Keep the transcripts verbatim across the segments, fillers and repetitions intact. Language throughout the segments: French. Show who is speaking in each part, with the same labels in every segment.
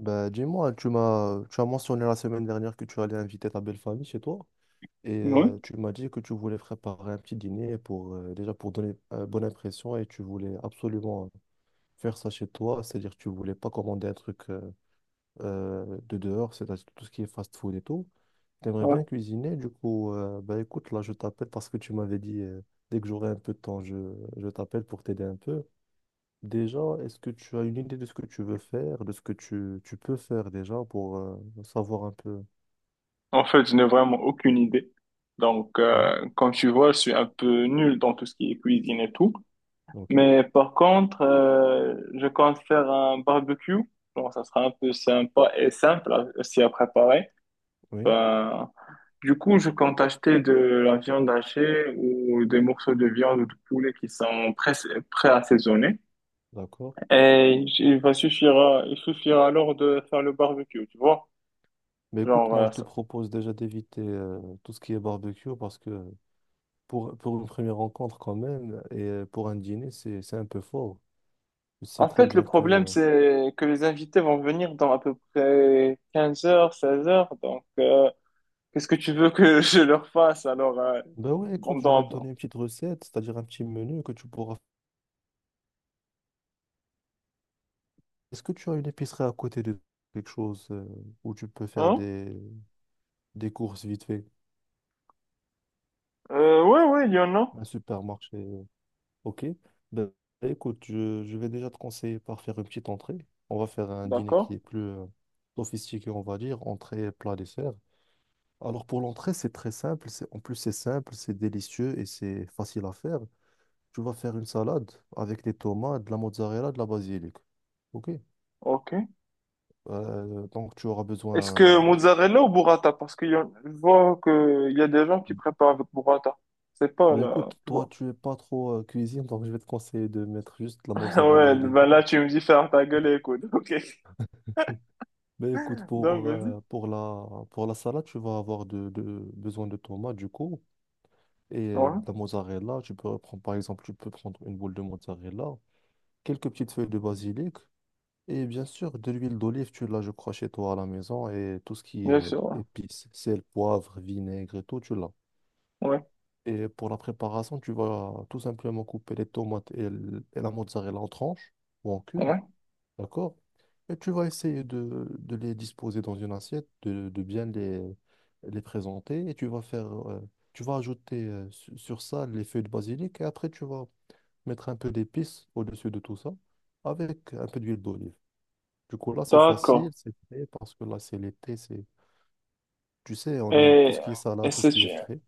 Speaker 1: Bah, dis-moi, tu m'as, tu as mentionné la semaine dernière que tu allais inviter ta belle famille chez toi et euh,
Speaker 2: Oui,
Speaker 1: tu m'as dit que tu voulais préparer un petit dîner pour euh, déjà pour donner une bonne impression et tu voulais absolument faire ça chez toi, c'est-à-dire que tu voulais pas commander un truc euh, euh, de dehors, c'est-à-dire tout ce qui est fast-food et tout. Tu aimerais
Speaker 2: ouais.
Speaker 1: bien cuisiner, du coup, euh, bah écoute, là je t'appelle parce que tu m'avais dit euh, dès que j'aurai un peu de temps, je, je t'appelle pour t'aider un peu. Déjà, est-ce que tu as une idée de ce que tu veux faire, de ce que tu, tu peux faire déjà pour euh, savoir un peu?
Speaker 2: En fait, je n'ai vraiment aucune idée. Donc,
Speaker 1: Oui,
Speaker 2: euh, comme tu vois, je suis un peu nul dans tout ce qui est cuisine et tout.
Speaker 1: ok,
Speaker 2: Mais par contre, euh, je compte faire un barbecue. Bon, ça sera un peu sympa et simple à- aussi à préparer.
Speaker 1: oui,
Speaker 2: Ben, du coup, je compte acheter de la viande hachée ou des morceaux de viande ou de poulet qui sont pré- pré-assaisonnés.
Speaker 1: d'accord.
Speaker 2: Et il va suffira, il suffira alors de faire le barbecue, tu vois.
Speaker 1: Mais écoute,
Speaker 2: Genre,
Speaker 1: moi
Speaker 2: euh,
Speaker 1: je te propose déjà d'éviter euh, tout ce qui est barbecue parce que pour, pour une première rencontre quand même et euh, pour un dîner, c'est, c'est un peu fort. Tu sais
Speaker 2: En
Speaker 1: très
Speaker 2: fait, le
Speaker 1: bien que...
Speaker 2: problème,
Speaker 1: euh,
Speaker 2: c'est que les invités vont venir dans à peu près quinze heures, seize heures. Donc, euh, qu'est-ce que tu veux que je leur fasse alors euh,
Speaker 1: Ben ouais, écoute, je vais te
Speaker 2: pendant...
Speaker 1: donner une petite recette, c'est-à-dire un petit menu que tu pourras... Est-ce que tu as une épicerie à côté de quelque chose euh, où tu peux faire
Speaker 2: Hein?
Speaker 1: des, des courses vite fait?
Speaker 2: Euh, ouais, ouais, il y en a.
Speaker 1: Un supermarché? Ok. Ben, écoute, je, je vais déjà te conseiller par faire une petite entrée. On va faire un dîner
Speaker 2: D'accord.
Speaker 1: qui est plus euh, sophistiqué, on va dire, entrée, plat, dessert. Alors pour l'entrée, c'est très simple. C'est, en plus, c'est simple, c'est délicieux et c'est facile à faire. Tu vas faire une salade avec des tomates, de la mozzarella, de la basilic. Ok.
Speaker 2: Ok.
Speaker 1: Euh, donc tu auras
Speaker 2: Est-ce que
Speaker 1: besoin.
Speaker 2: mozzarella ou burrata? Parce que je vois qu'il y a des gens qui préparent avec burrata. C'est pas
Speaker 1: Ben
Speaker 2: là,
Speaker 1: écoute,
Speaker 2: tu
Speaker 1: toi,
Speaker 2: vois.
Speaker 1: tu es pas trop euh, cuisine, donc je vais te conseiller de mettre juste de la mozzarella
Speaker 2: Ouais,
Speaker 1: au
Speaker 2: ben là,
Speaker 1: début.
Speaker 2: tu me dis faire ta gueule et écoute. Ok.
Speaker 1: Ben écoute,
Speaker 2: Donc,
Speaker 1: pour,
Speaker 2: vas-y.
Speaker 1: euh, pour la, pour la salade, tu vas avoir de, de- besoin de tomates, du coup, et euh,
Speaker 2: Ouais,
Speaker 1: de la mozzarella. Tu peux prendre, par exemple, tu peux prendre une boule de mozzarella, quelques petites feuilles de basilic, et bien sûr, de l'huile d'olive, tu l'as, je crois, chez toi à la maison, et tout ce qui
Speaker 2: bien
Speaker 1: est
Speaker 2: sûr.
Speaker 1: épices, sel, poivre, vinaigre et tout, tu l'as.
Speaker 2: Ouais,
Speaker 1: Et pour la préparation, tu vas tout simplement couper les tomates et, l- et la mozzarella en tranches ou en
Speaker 2: ouais,
Speaker 1: cubes.
Speaker 2: ouais.
Speaker 1: D'accord? Et tu vas essayer de, de les disposer dans une assiette, de, de bien les, les présenter. Et tu vas faire, euh, tu vas ajouter euh, su- sur ça les feuilles de basilic. Et après, tu vas mettre un peu d'épices au-dessus de tout ça avec un peu d'huile d'olive. Du coup, là, c'est
Speaker 2: D'accord.
Speaker 1: facile, c'est frais parce que là, c'est l'été. C'est Tu sais, on aime tout
Speaker 2: Et,
Speaker 1: ce qui est
Speaker 2: et
Speaker 1: salade, tout ce
Speaker 2: c'est...
Speaker 1: qui est frais.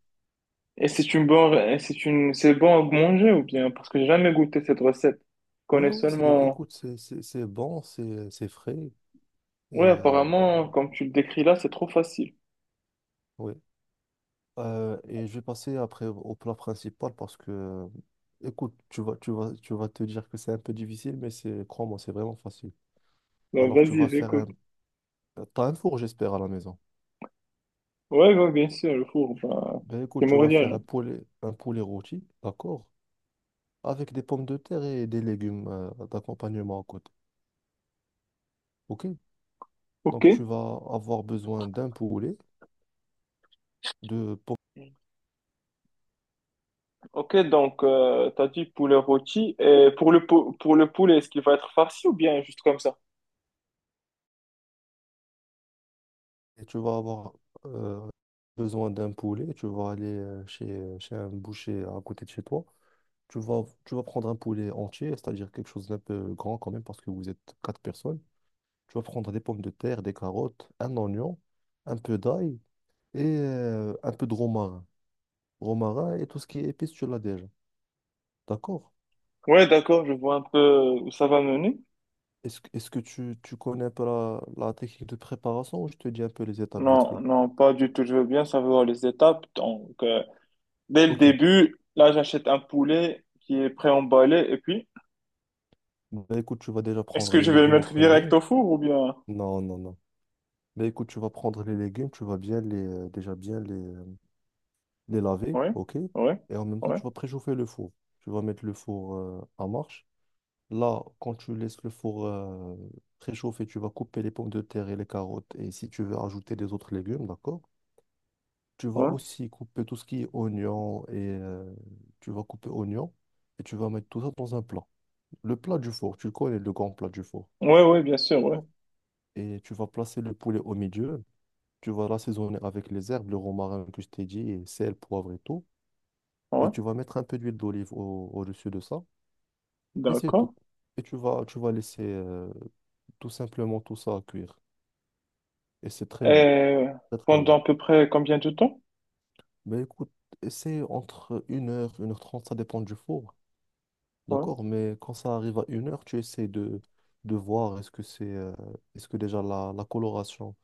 Speaker 2: Et c'est une bonne, et c'est une, c'est bon à manger ou bien? Parce que j'ai jamais goûté cette recette. Je
Speaker 1: Ouais,
Speaker 2: connais
Speaker 1: ouais, c'est...
Speaker 2: seulement,
Speaker 1: écoute, c'est c'est- c'est bon, c'est c'est frais. Et
Speaker 2: ouais,
Speaker 1: euh,
Speaker 2: apparemment, comme tu le décris là, c'est trop facile.
Speaker 1: ouais. Euh, et je vais passer après au au plat principal parce que, écoute, tu vas, tu vas, tu vas te dire que c'est un peu difficile, mais c'est, crois-moi, c'est vraiment facile.
Speaker 2: Donc,
Speaker 1: Alors, tu
Speaker 2: vas-y,
Speaker 1: vas faire un...
Speaker 2: j'écoute.
Speaker 1: T'as un four, j'espère, à la maison.
Speaker 2: Ouais, ouais, bien sûr, le four, ben,
Speaker 1: Ben
Speaker 2: c'est
Speaker 1: écoute, tu vas faire
Speaker 2: mourir.
Speaker 1: un poulet, un poulet rôti, d'accord? Avec des pommes de terre et des légumes euh, d'accompagnement à côté. OK?
Speaker 2: Ok.
Speaker 1: Donc, tu vas avoir besoin d'un poulet, de pommes
Speaker 2: Ok, donc, euh, t'as dit poulet rôti. Et pour le, pou- pour le poulet, est-ce qu'il va être farci ou bien juste comme ça?
Speaker 1: et tu vas avoir euh, besoin d'un poulet. Tu vas aller euh, chez, chez un boucher à côté de chez toi. Tu vas, tu vas prendre un poulet entier, c'est-à-dire quelque chose d'un peu grand quand même, parce que vous êtes quatre personnes. Tu vas prendre des pommes de terre, des carottes, un oignon, un peu d'ail et euh, un peu de romarin. Romarin et tout ce qui est épice, tu l'as déjà. D'accord?
Speaker 2: Ouais, d'accord, je vois un peu où ça va mener.
Speaker 1: Est-ce, que- est-ce que tu, tu connais un peu la, la technique de préparation ou je te dis un peu les étapes vite
Speaker 2: Non,
Speaker 1: fait?
Speaker 2: non, pas du tout. Je veux bien savoir les étapes. Donc, euh, dès le
Speaker 1: Ok.
Speaker 2: début, là, j'achète un poulet qui est pré-emballé. Et puis,
Speaker 1: Bah, écoute, tu vas déjà
Speaker 2: est-ce
Speaker 1: prendre
Speaker 2: que
Speaker 1: les
Speaker 2: je vais le
Speaker 1: légumes en
Speaker 2: mettre direct
Speaker 1: premier.
Speaker 2: au four ou bien...
Speaker 1: Non, non, non. Mais écoute, tu vas prendre les légumes, tu vas bien les, euh, déjà bien les, les laver,
Speaker 2: Oui,
Speaker 1: ok.
Speaker 2: oui,
Speaker 1: Et en même temps,
Speaker 2: oui,
Speaker 1: tu vas préchauffer le four. Tu vas mettre le four euh, en marche. Là, quand tu laisses le four euh, préchauffer, tu vas couper les pommes de terre et les carottes. Et si tu veux ajouter des autres légumes, d'accord? Tu vas
Speaker 2: oui,
Speaker 1: aussi couper tout ce qui est oignon et euh, tu vas couper oignon et tu vas mettre tout ça dans un plat. Le plat du four, tu connais le grand plat du four.
Speaker 2: oui, oui, bien sûr, oui,
Speaker 1: Et tu vas placer le poulet au milieu. Tu vas l'assaisonner avec les herbes, le romarin que je t'ai dit, et sel, poivre et tout. Et
Speaker 2: ouais,
Speaker 1: tu vas mettre un peu d'huile d'olive au- au-dessus de ça, et c'est tout.
Speaker 2: d'accord.
Speaker 1: Et tu vas, tu vas laisser euh, tout simplement tout ça à cuire. Et c'est très bon,
Speaker 2: Et
Speaker 1: très très bon.
Speaker 2: pendant à peu près combien de temps?
Speaker 1: Mais écoute, essaie entre une heure une heure trente, ça dépend du four,
Speaker 2: Ouais.
Speaker 1: d'accord? Mais quand ça arrive à une heure, tu essaies de, de voir est-ce que c'est, euh, est-ce que déjà la, la coloration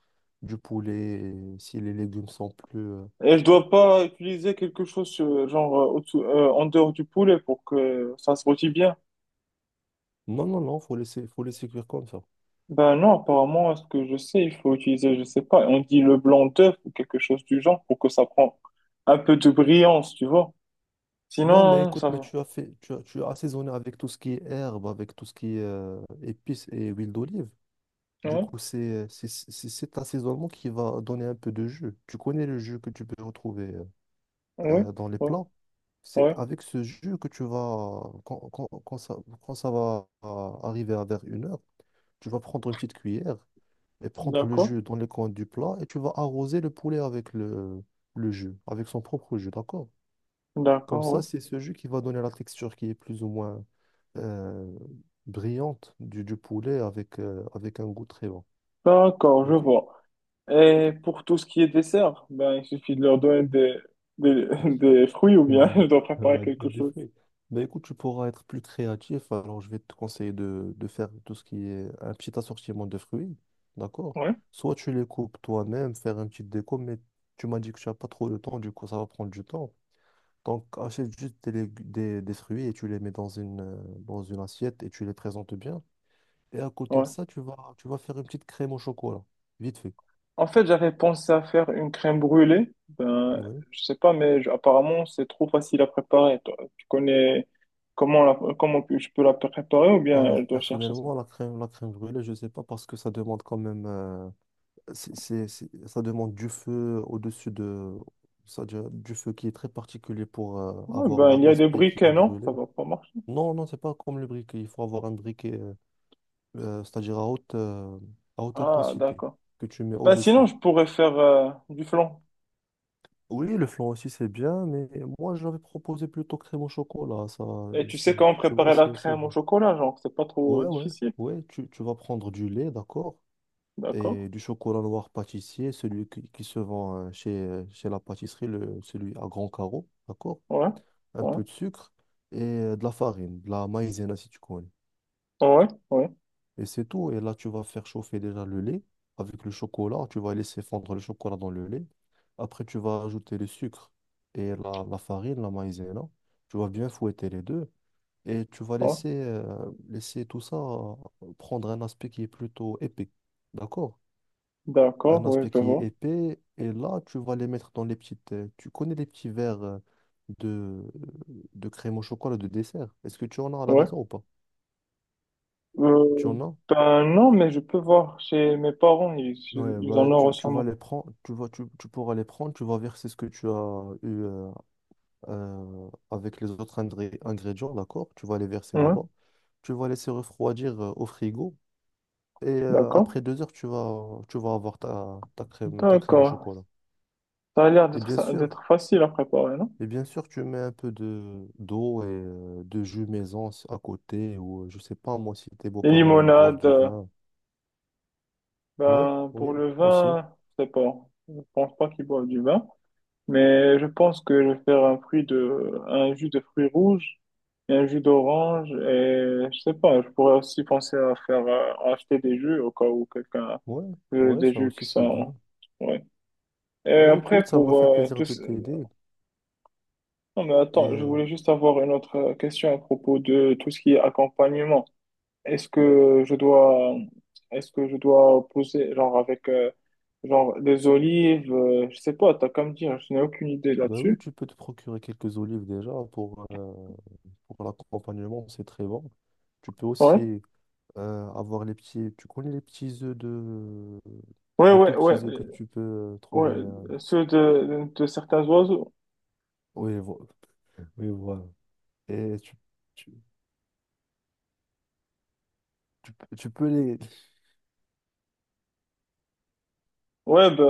Speaker 1: du poulet, et si les légumes sont plus... euh,
Speaker 2: Et je dois pas utiliser quelque chose, euh, genre, euh, au-dessous- euh, en dehors du poulet pour que ça se rôtit bien.
Speaker 1: Non, non, non, faut laisser, faut laisser cuire comme ça.
Speaker 2: Ben non, apparemment, à ce que je sais, il faut utiliser, je sais pas, on dit le blanc d'œuf ou quelque chose du genre pour que ça prend un peu de brillance, tu vois.
Speaker 1: Non, mais
Speaker 2: Sinon,
Speaker 1: écoute,
Speaker 2: ça
Speaker 1: mais
Speaker 2: va.
Speaker 1: tu as fait, tu as, tu as assaisonné avec tout ce qui est herbe, avec tout ce qui est euh, épices et huile d'olive. Du
Speaker 2: Ouais,
Speaker 1: coup, c'est c'est c'est cet assaisonnement qui va donner un peu de jus. Tu connais le jus que tu peux retrouver
Speaker 2: ouais,
Speaker 1: euh, dans les
Speaker 2: ouais,
Speaker 1: plats. C'est
Speaker 2: ouais,
Speaker 1: avec ce jus que tu vas, quand, quand, quand ça, quand ça va euh, arriver à vers une heure, tu vas prendre une petite cuillère et prendre le
Speaker 2: d'accord,
Speaker 1: jus dans les coins du plat et tu vas arroser le poulet avec le, le jus, avec son propre jus, d'accord? Comme
Speaker 2: d'accord, ouais.
Speaker 1: ça, c'est ce jus qui va donner la texture qui est plus ou moins euh, brillante du, du poulet avec, euh, avec un goût très bon.
Speaker 2: D'accord, je
Speaker 1: OK.
Speaker 2: vois. Et pour tout ce qui est dessert, ben, il suffit de leur donner des, des, des fruits ou bien
Speaker 1: Mm.
Speaker 2: je dois préparer
Speaker 1: Ouais,
Speaker 2: quelque
Speaker 1: des des
Speaker 2: chose.
Speaker 1: fruits. Ben écoute, tu pourras être plus créatif. Alors, je vais te conseiller de, de faire tout ce qui est un petit assortiment de fruits. D'accord?
Speaker 2: Ouais,
Speaker 1: Soit tu les coupes toi-même, faire une petite déco, mais tu m'as dit que tu n'as pas trop de temps, du coup, ça va prendre du temps. Donc, achète juste des, lég- des, des fruits et tu les mets dans une, euh, dans une assiette et tu les présentes bien. Et à côté de
Speaker 2: ouais.
Speaker 1: ça, tu vas, tu vas faire une petite crème au chocolat, vite fait.
Speaker 2: En fait, j'avais pensé à faire une crème brûlée. Ben,
Speaker 1: Oui.
Speaker 2: je sais pas, mais je- apparemment, c'est trop facile à préparer. Toi, tu connais comment la, comment je peux la préparer ou bien
Speaker 1: Alors,
Speaker 2: je dois chercher ça?
Speaker 1: personnellement, la crème, la crème brûlée, je ne sais pas parce que ça demande quand même, euh, c'est, c'est- c'est- ça demande du feu au-dessus de, ça, du du feu qui est très particulier pour euh,
Speaker 2: Ouais,
Speaker 1: avoir
Speaker 2: ben,
Speaker 1: la-
Speaker 2: il y a des
Speaker 1: l'aspect qui
Speaker 2: briquets,
Speaker 1: est
Speaker 2: non? Ça
Speaker 1: brûlé.
Speaker 2: va pas marcher.
Speaker 1: Non, non, c'est pas comme le briquet. Il faut avoir un briquet, euh, euh, c'est-à-dire à haute, euh, à haute
Speaker 2: Ah,
Speaker 1: intensité
Speaker 2: d'accord.
Speaker 1: que tu mets
Speaker 2: Ben, sinon,
Speaker 1: au-dessus.
Speaker 2: je pourrais faire euh, du flan.
Speaker 1: Oui, le flan aussi c'est bien, mais moi j'avais proposé plutôt crème au chocolat. Ça,
Speaker 2: Et tu sais
Speaker 1: c'est-
Speaker 2: comment
Speaker 1: tu vois,
Speaker 2: préparer la
Speaker 1: c'est c'est
Speaker 2: crème au
Speaker 1: bon.
Speaker 2: chocolat, genre, c'est pas trop
Speaker 1: Ouais, ouais,
Speaker 2: difficile.
Speaker 1: ouais, tu, tu vas prendre du lait, d'accord,
Speaker 2: D'accord?
Speaker 1: et du chocolat noir pâtissier, celui qui, qui se vend euh, chez, euh, chez la pâtisserie, le, celui à grand carreau, d'accord,
Speaker 2: Ouais,
Speaker 1: un
Speaker 2: ouais,
Speaker 1: peu de sucre et euh, de la farine, de la maïzena si tu connais.
Speaker 2: ouais, ouais,
Speaker 1: Et c'est tout, et là tu vas faire chauffer déjà le lait avec le chocolat, tu vas laisser fondre le chocolat dans le lait. Après tu vas ajouter le sucre et la, la farine, la maïzena, tu vas bien fouetter les deux. Et tu vas
Speaker 2: ouais.
Speaker 1: laisser, euh, laisser tout ça euh, prendre un aspect qui est plutôt épais. D'accord? Un
Speaker 2: D'accord, ouais,
Speaker 1: aspect
Speaker 2: je
Speaker 1: qui est
Speaker 2: vois.
Speaker 1: épais. Et là, tu vas les mettre dans les petites. Euh, Tu connais les petits verres euh, de, de crème au chocolat de dessert. Est-ce que tu en as à la
Speaker 2: Ouais.
Speaker 1: maison ou pas? Tu
Speaker 2: Euh,
Speaker 1: en as?
Speaker 2: ben non, mais je peux voir chez mes parents, ils,
Speaker 1: Ouais,
Speaker 2: ils en
Speaker 1: bah,
Speaker 2: auront
Speaker 1: tu, tu vas
Speaker 2: sûrement.
Speaker 1: les prendre, tu vas, tu, tu pourras les prendre, tu vas verser ce que tu as eu euh, euh, avec les autres ingré- ingrédients, d'accord? Tu vas les verser
Speaker 2: Ouais,
Speaker 1: là-bas. Tu vas laisser refroidir euh, au frigo. Et euh,
Speaker 2: d'accord.
Speaker 1: après deux heures, tu vas, tu vas avoir ta, ta crème, ta crème au
Speaker 2: D'accord.
Speaker 1: chocolat.
Speaker 2: Ça a l'air
Speaker 1: Et
Speaker 2: d'être
Speaker 1: bien
Speaker 2: ça-
Speaker 1: sûr,
Speaker 2: d'être facile à préparer, non?
Speaker 1: et bien sûr, tu mets un peu de d'eau et euh, de jus maison si- à côté. Ou euh, je sais pas, moi, si tes
Speaker 2: Les
Speaker 1: beaux-parents, ils boivent
Speaker 2: limonades,
Speaker 1: du
Speaker 2: euh,
Speaker 1: vin. Oui,
Speaker 2: ben pour
Speaker 1: oui,
Speaker 2: le
Speaker 1: aussi.
Speaker 2: vin, je sais pas. Je pense pas qu'ils boivent du vin. Mais je pense que je vais faire un fruit de, un jus de fruits rouges et un jus d'orange et je sais pas, je pourrais aussi penser à faire, euh, à acheter des jus au cas où quelqu'un
Speaker 1: Ouais,
Speaker 2: veut
Speaker 1: ouais,
Speaker 2: des
Speaker 1: ça
Speaker 2: jus
Speaker 1: aussi,
Speaker 2: qui
Speaker 1: c'est bien.
Speaker 2: sont, ouais. Et
Speaker 1: Ben
Speaker 2: après
Speaker 1: écoute, ça m'a
Speaker 2: pour
Speaker 1: fait
Speaker 2: euh,
Speaker 1: plaisir
Speaker 2: tout,
Speaker 1: de
Speaker 2: ce-
Speaker 1: t'aider.
Speaker 2: non mais
Speaker 1: Et
Speaker 2: attends, je
Speaker 1: euh,
Speaker 2: voulais juste avoir une autre question à propos de tout ce qui est accompagnement. Est-ce que je dois, est-ce que je dois poser genre avec, euh, genre des olives, euh, je sais pas, t'as qu'à me dire, je n'ai aucune idée
Speaker 1: ben oui,
Speaker 2: là-dessus.
Speaker 1: tu peux te procurer quelques olives déjà pour, euh, pour l'accompagnement, c'est très bon. Tu peux
Speaker 2: Ouais.
Speaker 1: aussi euh, avoir les petits. Tu connais les petits œufs de.
Speaker 2: Ouais,
Speaker 1: Les
Speaker 2: ouais,
Speaker 1: tout
Speaker 2: ouais.
Speaker 1: petits œufs que tu peux euh,
Speaker 2: Ouais,
Speaker 1: trouver. euh,
Speaker 2: euh, ceux de, de certains oiseaux.
Speaker 1: Oui, vo- oui, voilà. Et tu, tu, tu peux tu peux les.
Speaker 2: Ouais, bah,